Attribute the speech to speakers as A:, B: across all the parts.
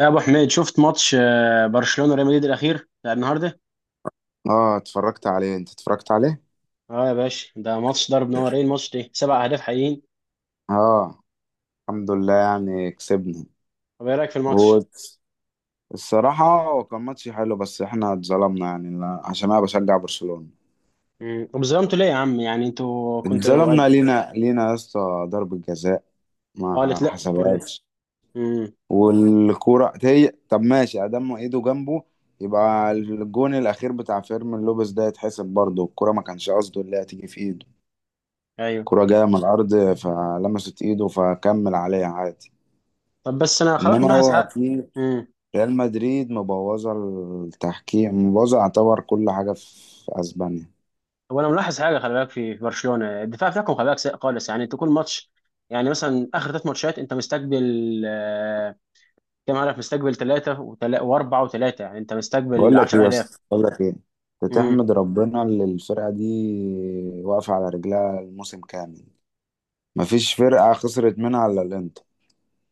A: يا ابو حميد شفت ماتش، برشلونه ريال مدريد الاخير بتاع النهارده؟
B: اه، اتفرجت عليه. انت اتفرجت عليه؟
A: اه يا باشا، ده ماتش ضرب نارين، ماتش ده سبع اهداف حقيقيين.
B: اه، الحمد لله يعني كسبنا.
A: طب ايه رايك في الماتش؟
B: والصراحة هو كان ماتش حلو بس احنا اتظلمنا، يعني عشان انا بشجع برشلونة.
A: طب ظلمتوا ليه يا عم؟ يعني انتوا كنتوا
B: اتظلمنا
A: قد.
B: لينا لينا يا اسطى، ضربة جزاء
A: اه،
B: ما
A: قالت لا ولا.
B: حسبهاش.
A: امم.
B: والكورة هي طب ماشي ادام ايده جنبه، يبقى الجون الاخير بتاع فيرمين لوبيز ده يتحسب برضه. الكورة ما كانش قصده اللي هتيجي في ايده،
A: ايوه.
B: الكورة جاية من الارض فلمست ايده فكمل عليها عادي.
A: طب بس انا خلاص
B: انما
A: ملاحظ
B: هو
A: حاجه.
B: في
A: امم.
B: ريال مدريد مبوظه، التحكيم مبوظه يعتبر كل حاجه في اسبانيا.
A: طب انا ملاحظ حاجه، خلي بالك في برشلونه الدفاع بتاعكم، خلي بالك سيء خالص، يعني انتوا كل ماتش، يعني مثلا اخر ثلاث ماتشات انت مستقبل آه، كام هدف؟ مستقبل ثلاثه واربعه وثلاثه، يعني انت مستقبل 10 اهداف.
B: بقول لك ايه، بتحمد ربنا اللي الفرقه دي واقفه على رجلها الموسم كامل. مفيش فرقه خسرت منها الا الانتر.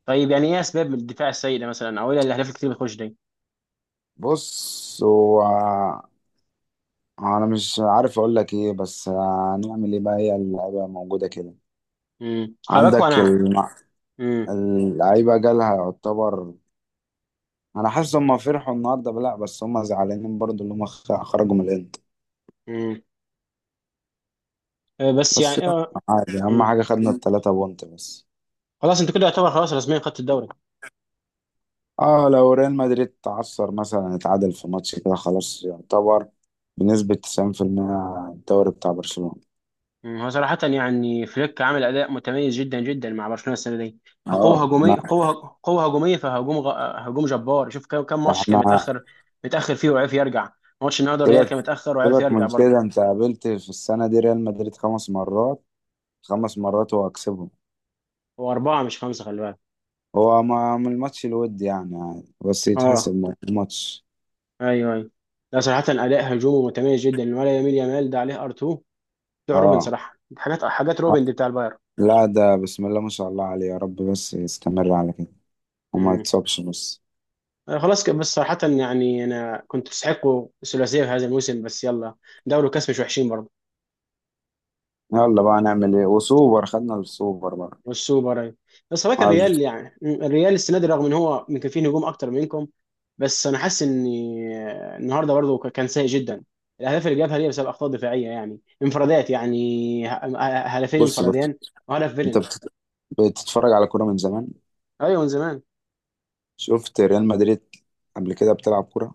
A: طيب يعني ايه اسباب الدفاع السيء ده مثلا، او ايه الاهداف الكتير اللي بتخش دي؟
B: بص هو، انا مش عارف اقول لك ايه، بس هنعمل ايه بقى، هي اللعيبه موجوده كده.
A: خلي
B: عندك
A: انا.
B: الم-
A: امم.
B: اللعيبه جالها يعتبر. انا حاسس هم فرحوا النهارده، لا بس هم زعلانين برضو اللي هم خرجوا من الانتر.
A: امم. بس
B: بس
A: يعني
B: يلا، عادي، اهم
A: امم.
B: حاجه خدنا التلاتة بونت بس.
A: خلاص انت كده يعتبر خلاص رسميا خدت الدوري.
B: اه، لو ريال مدريد تعثر، مثلا اتعادل في ماتش كده، خلاص يعتبر بنسبه 90% الدوري بتاع برشلونه.
A: مم. هو صراحة يعني فليك عامل أداء متميز جدا جدا مع برشلونة السنة دي، كقوة
B: اه،
A: هجومية،
B: احنا
A: قوة هجومية، هجوم جبار، شوف كم ماتش كان
B: احنا
A: متأخر فيه وعرف يرجع. ماتش النهارده الريال
B: سيبك
A: كان متأخر وعرف
B: سيبك
A: يرجع
B: من
A: برضه.
B: كده. انت قابلت في السنه دي ريال مدريد خمس مرات، خمس مرات هو هكسبهم.
A: هو أربعة مش خمسة، خلي بالك.
B: هو ما من الماتش الود يعني، يعني بس
A: اه،
B: يتحسب ماتش.
A: ايوه ايوه. لا صراحة أداء هجومه متميز جدا، ولا يميل يامال ده عليه ار2 بتوع روبن،
B: اه.
A: صراحه حاجات
B: آه،
A: روبن دي بتاع البايرن.
B: لا، ده بسم الله ما شاء الله عليه، يا رب بس يستمر على كده وما
A: امم.
B: يتصابش. بس
A: خلاص كده، بس صراحه يعني انا كنت تستحقوا الثلاثيه في هذا الموسم، بس يلا، دوري وكاس مش وحشين برضه.
B: يلا بقى نعمل ايه، وسوبر خدنا السوبر بقى.
A: والسوبر أيوة. بس هو
B: عال-
A: الريال يعني، الريال السنه دي رغم ان هو يمكن فيه نجوم اكتر منكم، بس انا حاسس ان النهارده برضه كان سيء جدا. الاهداف اللي جابها دي بسبب اخطاء دفاعيه، يعني انفرادات، يعني هدفين
B: بص بص.
A: انفرادين وهدف
B: انت
A: فيلن.
B: بتتفرج على كوره من زمان،
A: ايوه من زمان.
B: شفت ريال مدريد قبل كده بتلعب كوره؟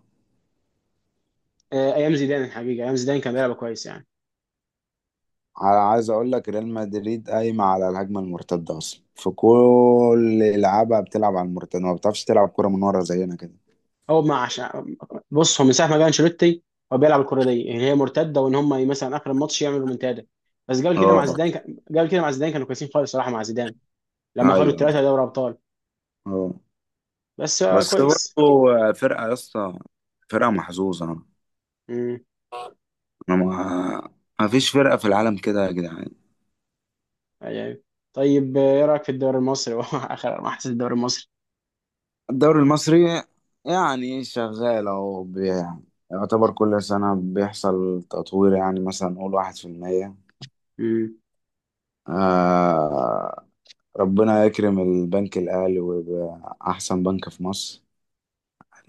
A: ايام زيدان الحقيقه، ايام زيدان كان بيلعب كويس يعني.
B: على، عايز اقول لك، ريال مدريد قايمه على الهجمه المرتده اصلا، في كل لعبها بتلعب على المرتده، ما بتعرفش تلعب كوره من ورا زينا كده.
A: هو ما عشان. بص هو من ساعه ما جه انشيلوتي هو بيلعب الكره دي اللي هي مرتده، وان هم مثلا اخر الماتش يعملوا رومنتادا. بس
B: اه.
A: قبل كده مع زيدان كانوا كويسين خالص صراحه مع زيدان لما خدوا
B: ايوه.
A: الثلاثه دوري ابطال.
B: اه.
A: بس
B: بس
A: كويس.
B: برضه فرقه يا اسطى، فرقه محظوظه. انا
A: امم.
B: ما ما فيش فرقه في العالم كده يا جدعان.
A: يعني طيب ايه رايك في الدوري المصري؟ هو اخر ما حسيت الدوري المصري.
B: الدوري المصري يعني شغال اهو يعني يعتبر كل سنة بيحصل تطوير، يعني مثلا نقول 1%.
A: امم.
B: آه ربنا يكرم البنك الأهلي ويبقى أحسن بنك في مصر،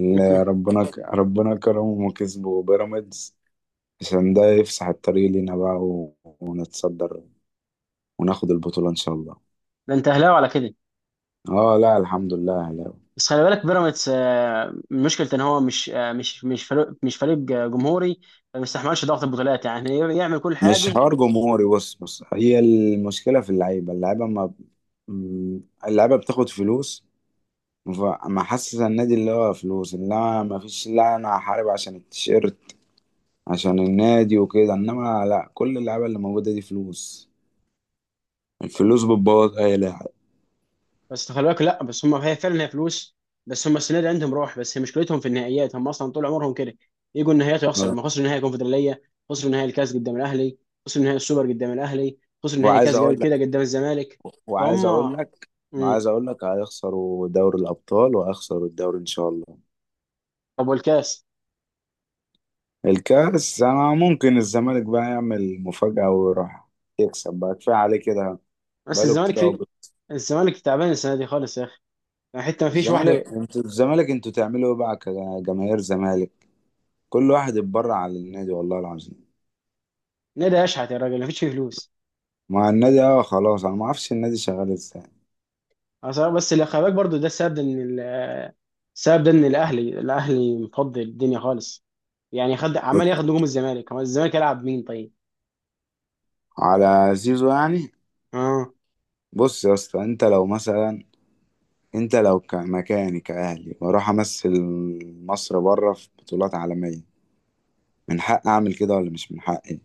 B: اللي ربنا ربنا كرمهم وكسبوا بيراميدز. عشان ده يفسح الطريق لينا بقى ونتصدر وناخد البطولة إن شاء الله.
A: ده انت اهلاوي على كده.
B: اه لا، الحمد لله.
A: بس خلي بالك بيراميدز مشكلته ان هو مش آه، مش مش فريق مش فريق جمهوري، ما بيستحملش ضغط البطولات، يعني يعمل كل
B: مش
A: حاجه.
B: حوار جمهوري، بص بص، هي المشكلة في اللعيبة، اللعيبة ما ب- م- اللعيبة بتاخد فلوس. فما حاسس النادي اللي هو فلوس، انما ما فيش لا، انا هحارب عشان التيشيرت، عشان النادي وكده. انما لا، كل اللعيبة اللي موجودة دي فلوس، الفلوس بتبوظ اي لاعب.
A: بس خلي بالك، لا بس هم هي فعلا هي فلوس، بس هم السنه دي عندهم روح، بس هي مشكلتهم في النهائيات، هم اصلا طول عمرهم كده يجوا النهائيات ويخسروا، لما خسروا نهائي الكونفدراليه، خسروا نهائي الكاس قدام الاهلي، خسروا نهائي السوبر قدام الاهلي، خسروا نهائي
B: وعايز
A: كاس قبل
B: اقول
A: كده
B: لك
A: قدام الزمالك.
B: وعايز
A: فهم.
B: اقول لك
A: مم.
B: وعايز اقول لك هيخسروا دوري الابطال وهيخسروا الدوري ان شاء الله.
A: طب والكاس؟
B: الكاس، انا ممكن الزمالك بقى يعمل مفاجأة ويروح يكسب بقى، كفاية عليه كده
A: بس
B: بقاله
A: الزمالك
B: كتير قوي.
A: في. الزمالك تعبان السنه دي خالص يا اخي، يعني حتى ما فيش واحده.
B: الزمالك انتوا تعملوا ايه بقى كجماهير زمالك؟ كل واحد اتبرع على النادي والله العظيم.
A: نادي اشحت يا راجل، ما فيش فيه فلوس
B: مع النادي، اه خلاص، انا ما اعرفش النادي شغال ازاي.
A: أصلاً. بس اللي خلي بالك برضه ده السبب ان السبب ده ان الاهلي مفضل الدنيا خالص، يعني خد عمال ياخد نجوم الزمالك، هو الزمالك يلعب مين طيب؟
B: على زيزو يعني،
A: اه.
B: بص يا اسطى انت لو مثلا، انت لو مكاني كاهلي واروح امثل مصر بره في بطولات عالميه، من حق اعمل كده ولا مش من حقي؟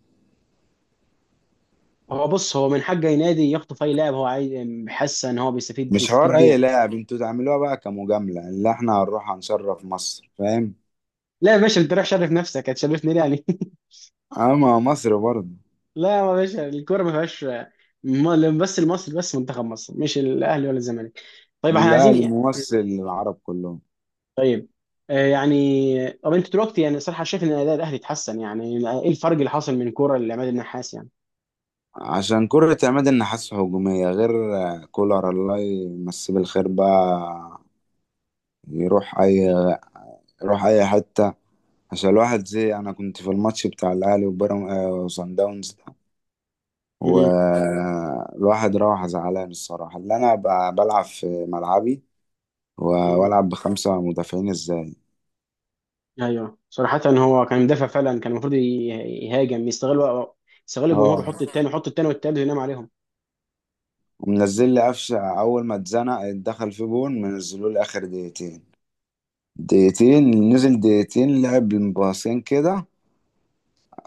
A: هو بص هو من حق اي نادي يخطف اي لاعب هو عايز، حاسس ان هو بيستفيد
B: مش
A: بيستفيد
B: حوار
A: بيه
B: اي
A: يعني.
B: لاعب، انتوا تعملوها بقى كمجامله اللي احنا هنروح هنشرف مصر، فاهم؟
A: لا يا باشا، انت رايح شرف نفسك، هتشرفني ليه يعني؟
B: اما مصر برضه،
A: لا يا باشا، الكوره ما فيهاش بس المصري، بس منتخب مصر مش الاهلي ولا الزمالك. طيب احنا
B: لا
A: عايزين إيه؟
B: الممثل العرب كلهم.
A: يعني طب انت دلوقتي يعني صراحه شايف ان اداء الاهلي اتحسن يعني؟ ايه الفرق اللي حصل من كوره لعماد النحاس يعني؟
B: عشان كرة عماد النحاس هجومية، غير كولر الله يمسيه بالخير بقى. يروح أي يروح أي حتة. عشان الواحد زي أنا كنت في الماتش بتاع الأهلي وبيراميدز وصن داونز ده،
A: مم.
B: والواحد راح زعلان الصراحة. اللي أنا بلعب في ملعبي و- وألعب بخمسة مدافعين إزاي.
A: ايوه صراحة، هو كان مدافع فعلا، كان المفروض يهاجم، يستغل يستغل الجمهور، ويحط
B: اه،
A: التاني، يحط التاني والتالت، وينام عليهم.
B: ومنزل لي قفشة أول ما اتزنق دخل في جون، منزلوا لي آخر دقيقتين. دقيقتين نزل، دقيقتين لعب باصين كده،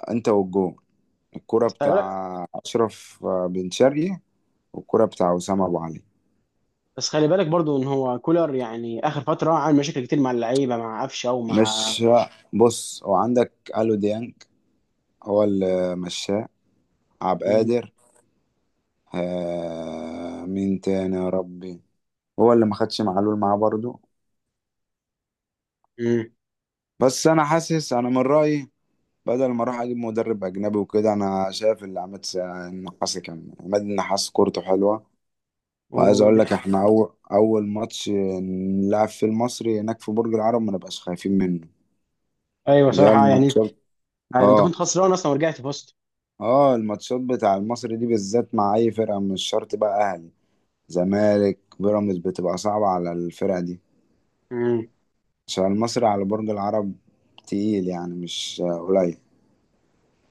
B: انت والجون، الكرة
A: بس خلي بالك.
B: بتاع أشرف بن شرقي والكرة بتاع وسام أبو علي.
A: بس خلي بالك برضو ان هو كولر يعني، اخر فترة عامل مشاكل كتير مع اللعيبة، مع قفشة ومع.
B: مش، بص هو عندك ألو ديانج، هو اللي مشاه، عبد
A: مم.
B: القادر. مين تاني يا ربي؟ هو اللي ما خدش معلول معاه برضه.
A: مم.
B: بس أنا حاسس، أنا من رأيي، بدل ما أروح أجيب مدرب أجنبي وكده، أنا شايف اللي عماد النحاس كورته حلوة. وعايز اقول
A: وده.
B: لك احنا اول اول ماتش نلعب في المصري هناك في برج العرب ما نبقاش خايفين منه،
A: ايوه
B: اللي هي
A: صراحة يعني،
B: الماتشات.
A: يعني انت
B: اه،
A: كنت خسران اصلا ورجعت فزت.
B: اه، الماتشات بتاع المصري دي بالذات مع اي فرقه، مش شرط بقى اهلي زمالك بيراميدز، بتبقى صعبه على الفرقه دي.
A: مم.
B: عشان المصري على برج العرب تقيل يعني مش قليل.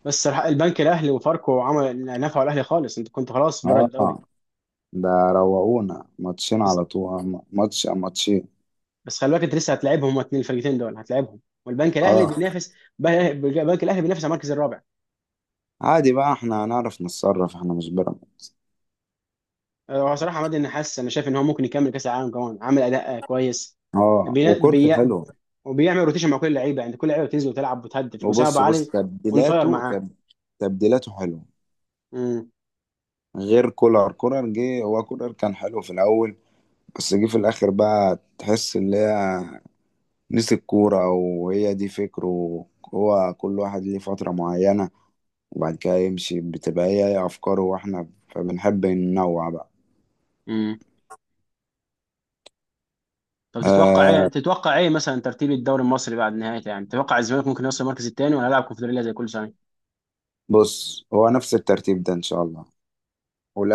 A: بس صراحة البنك الاهلي وفاركو عمل، نفعوا الاهلي خالص، انت كنت خلاص بره
B: اه،
A: الدوري.
B: ده روقونا ماتشين
A: بس
B: على طول، ماتشين.
A: بس خلي بالك انت لسه هتلاعبهم، هما اتنين الفرقتين دول هتلاعبهم، والبنك الاهلي
B: اه،
A: بينافس، البنك الاهلي بينافس على المركز الرابع.
B: عادي بقى، احنا هنعرف نتصرف، احنا مش بيراميدز.
A: هو صراحه عماد النحاس انا شايف ان هو ممكن يكمل كاس العالم كمان، عامل اداء كويس.
B: اه
A: بي...
B: وكورته
A: بي...
B: حلوه.
A: وبيعمل روتيشن مع كل اللعيبه، يعني كل لعيبه بتنزل وتلعب وتهدف، وسام ابو
B: وبص بص
A: علي اون فاير
B: تبديلاته
A: معاه.
B: تبديلاته حلوه.
A: امم.
B: غير كولر، كولر جه، هو كولر كان حلو في الاول، بس جه في الاخر بقى تحس ان هي نسي الكوره، وهي دي فكره، هو كل واحد ليه فتره معينه وبعد كده يمشي، بتبقى هي هي افكاره، واحنا فبنحب ننوع بقى.
A: امم. طب تتوقع ايه؟
B: آه
A: مثلا ترتيب الدوري المصري بعد نهايته يعني؟ تتوقع الزمالك ممكن يوصل المركز الثاني ولا هيلعب كونفدراليه زي كل سنه؟
B: بص هو نفس الترتيب ده ان شاء الله.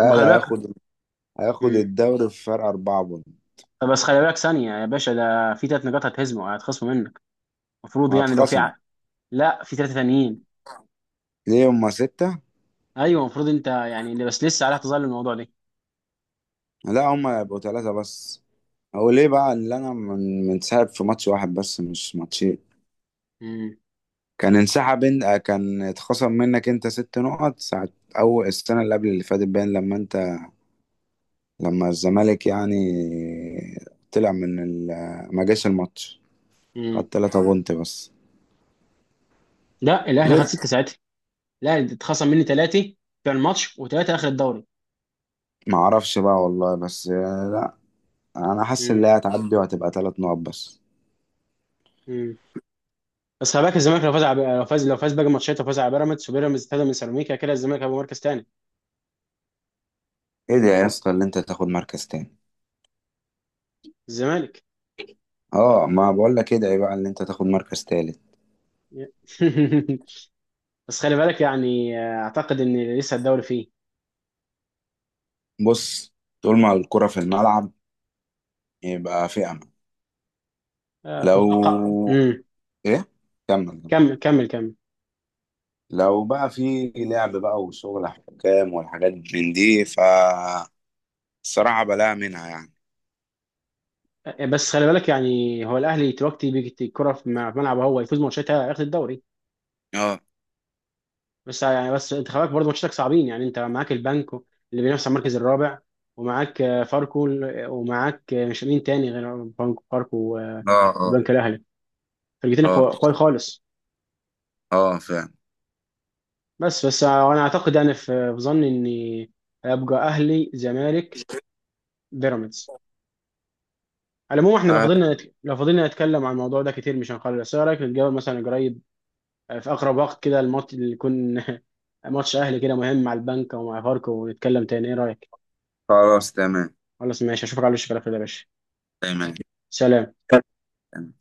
A: طب ما خلي بالك.
B: هياخد، هياخد
A: امم.
B: الدوري في فرق اربعه بون.
A: طب بس خلي بالك ثانيه يا باشا، ده في ثلاث نقاط هتخصموا منك، المفروض يعني لو في
B: وهتخصم
A: لا في ثلاثه ثانيين.
B: ليه هما سته،
A: ايوه المفروض انت يعني، بس لسه عليها تظل الموضوع ده.
B: لا هما يبقوا ثلاثه بس. هو ليه بقى اللي انا منسحب في ماتش واحد بس مش ماتشين؟
A: امم.
B: كان انسحب انت، كان اتخصم منك انت ست نقط ساعة اول السنة اللي قبل اللي فاتت باين. لما الزمالك يعني طلع من ما جاش الماتش، خدت تلاتة بونت بس.
A: لا الاهلي خد
B: غير،
A: سته ساعتها. لا اتخصم مني ثلاثه في الماتش، وثلاثه اخر الدوري.
B: ما اعرفش بقى والله، بس لا، انا حاسس
A: امم.
B: ان هي هتعدي وهتبقى تلات نقط بس.
A: امم. بس خلي بالك الزمالك لو فاز باقي الماتشات، وفاز على بيراميدز، وبيراميدز اتهدى من سيراميكا كده، الزمالك هيبقى مركز ثاني.
B: ادعي يا اسطى اللي انت تاخد مركز تاني.
A: الزمالك.
B: اه ما بقول لك ادعي بقى اللي انت تاخد مركز تالت.
A: بس خلي بالك يعني اعتقد ان لسه الدوري فيه.
B: بص، طول ما الكرة في الملعب يبقى في امل. لو،
A: تتوقع
B: ايه، كمل كمل.
A: كمل كمل كمل.
B: لو بقى في لعب بقى وشغل حكام والحاجات من دي، فالصراحة بلاقي منها يعني.
A: بس خلي بالك يعني هو الاهلي دلوقتي بيجي الكره في ملعبه، هو يفوز ماتشاتها ياخد الدوري،
B: اه.
A: بس يعني، بس انت خلاك برضه ماتشاتك صعبين، يعني انت معاك البنك اللي بينافس على المركز الرابع، ومعاك ومعاك مش مين تاني غير بنك فاركو، والبنك
B: اه. اه.
A: الاهلي، فرقتين
B: اه.
A: قوي خالص.
B: اه، فاهم.
A: بس وانا اعتقد يعني في، في ظني اني هيبقى اهلي، زمالك، بيراميدز. على العموم احنا لو
B: آه،
A: فضلنا لو فضلنا نتكلم عن الموضوع ده كتير مش هنخلص، بس ايه رايك نتجاوب مثلا قريب؟ في اقرب وقت كده الماتش اللي يكون ماتش اهلي كده مهم مع البنك او مع فاركو، ونتكلم تاني، ايه رايك؟
B: خلاص، تمام.
A: خلاص ماشي، اشوفك على وش كده يا باشا.
B: تمام.
A: سلام.
B: تمام.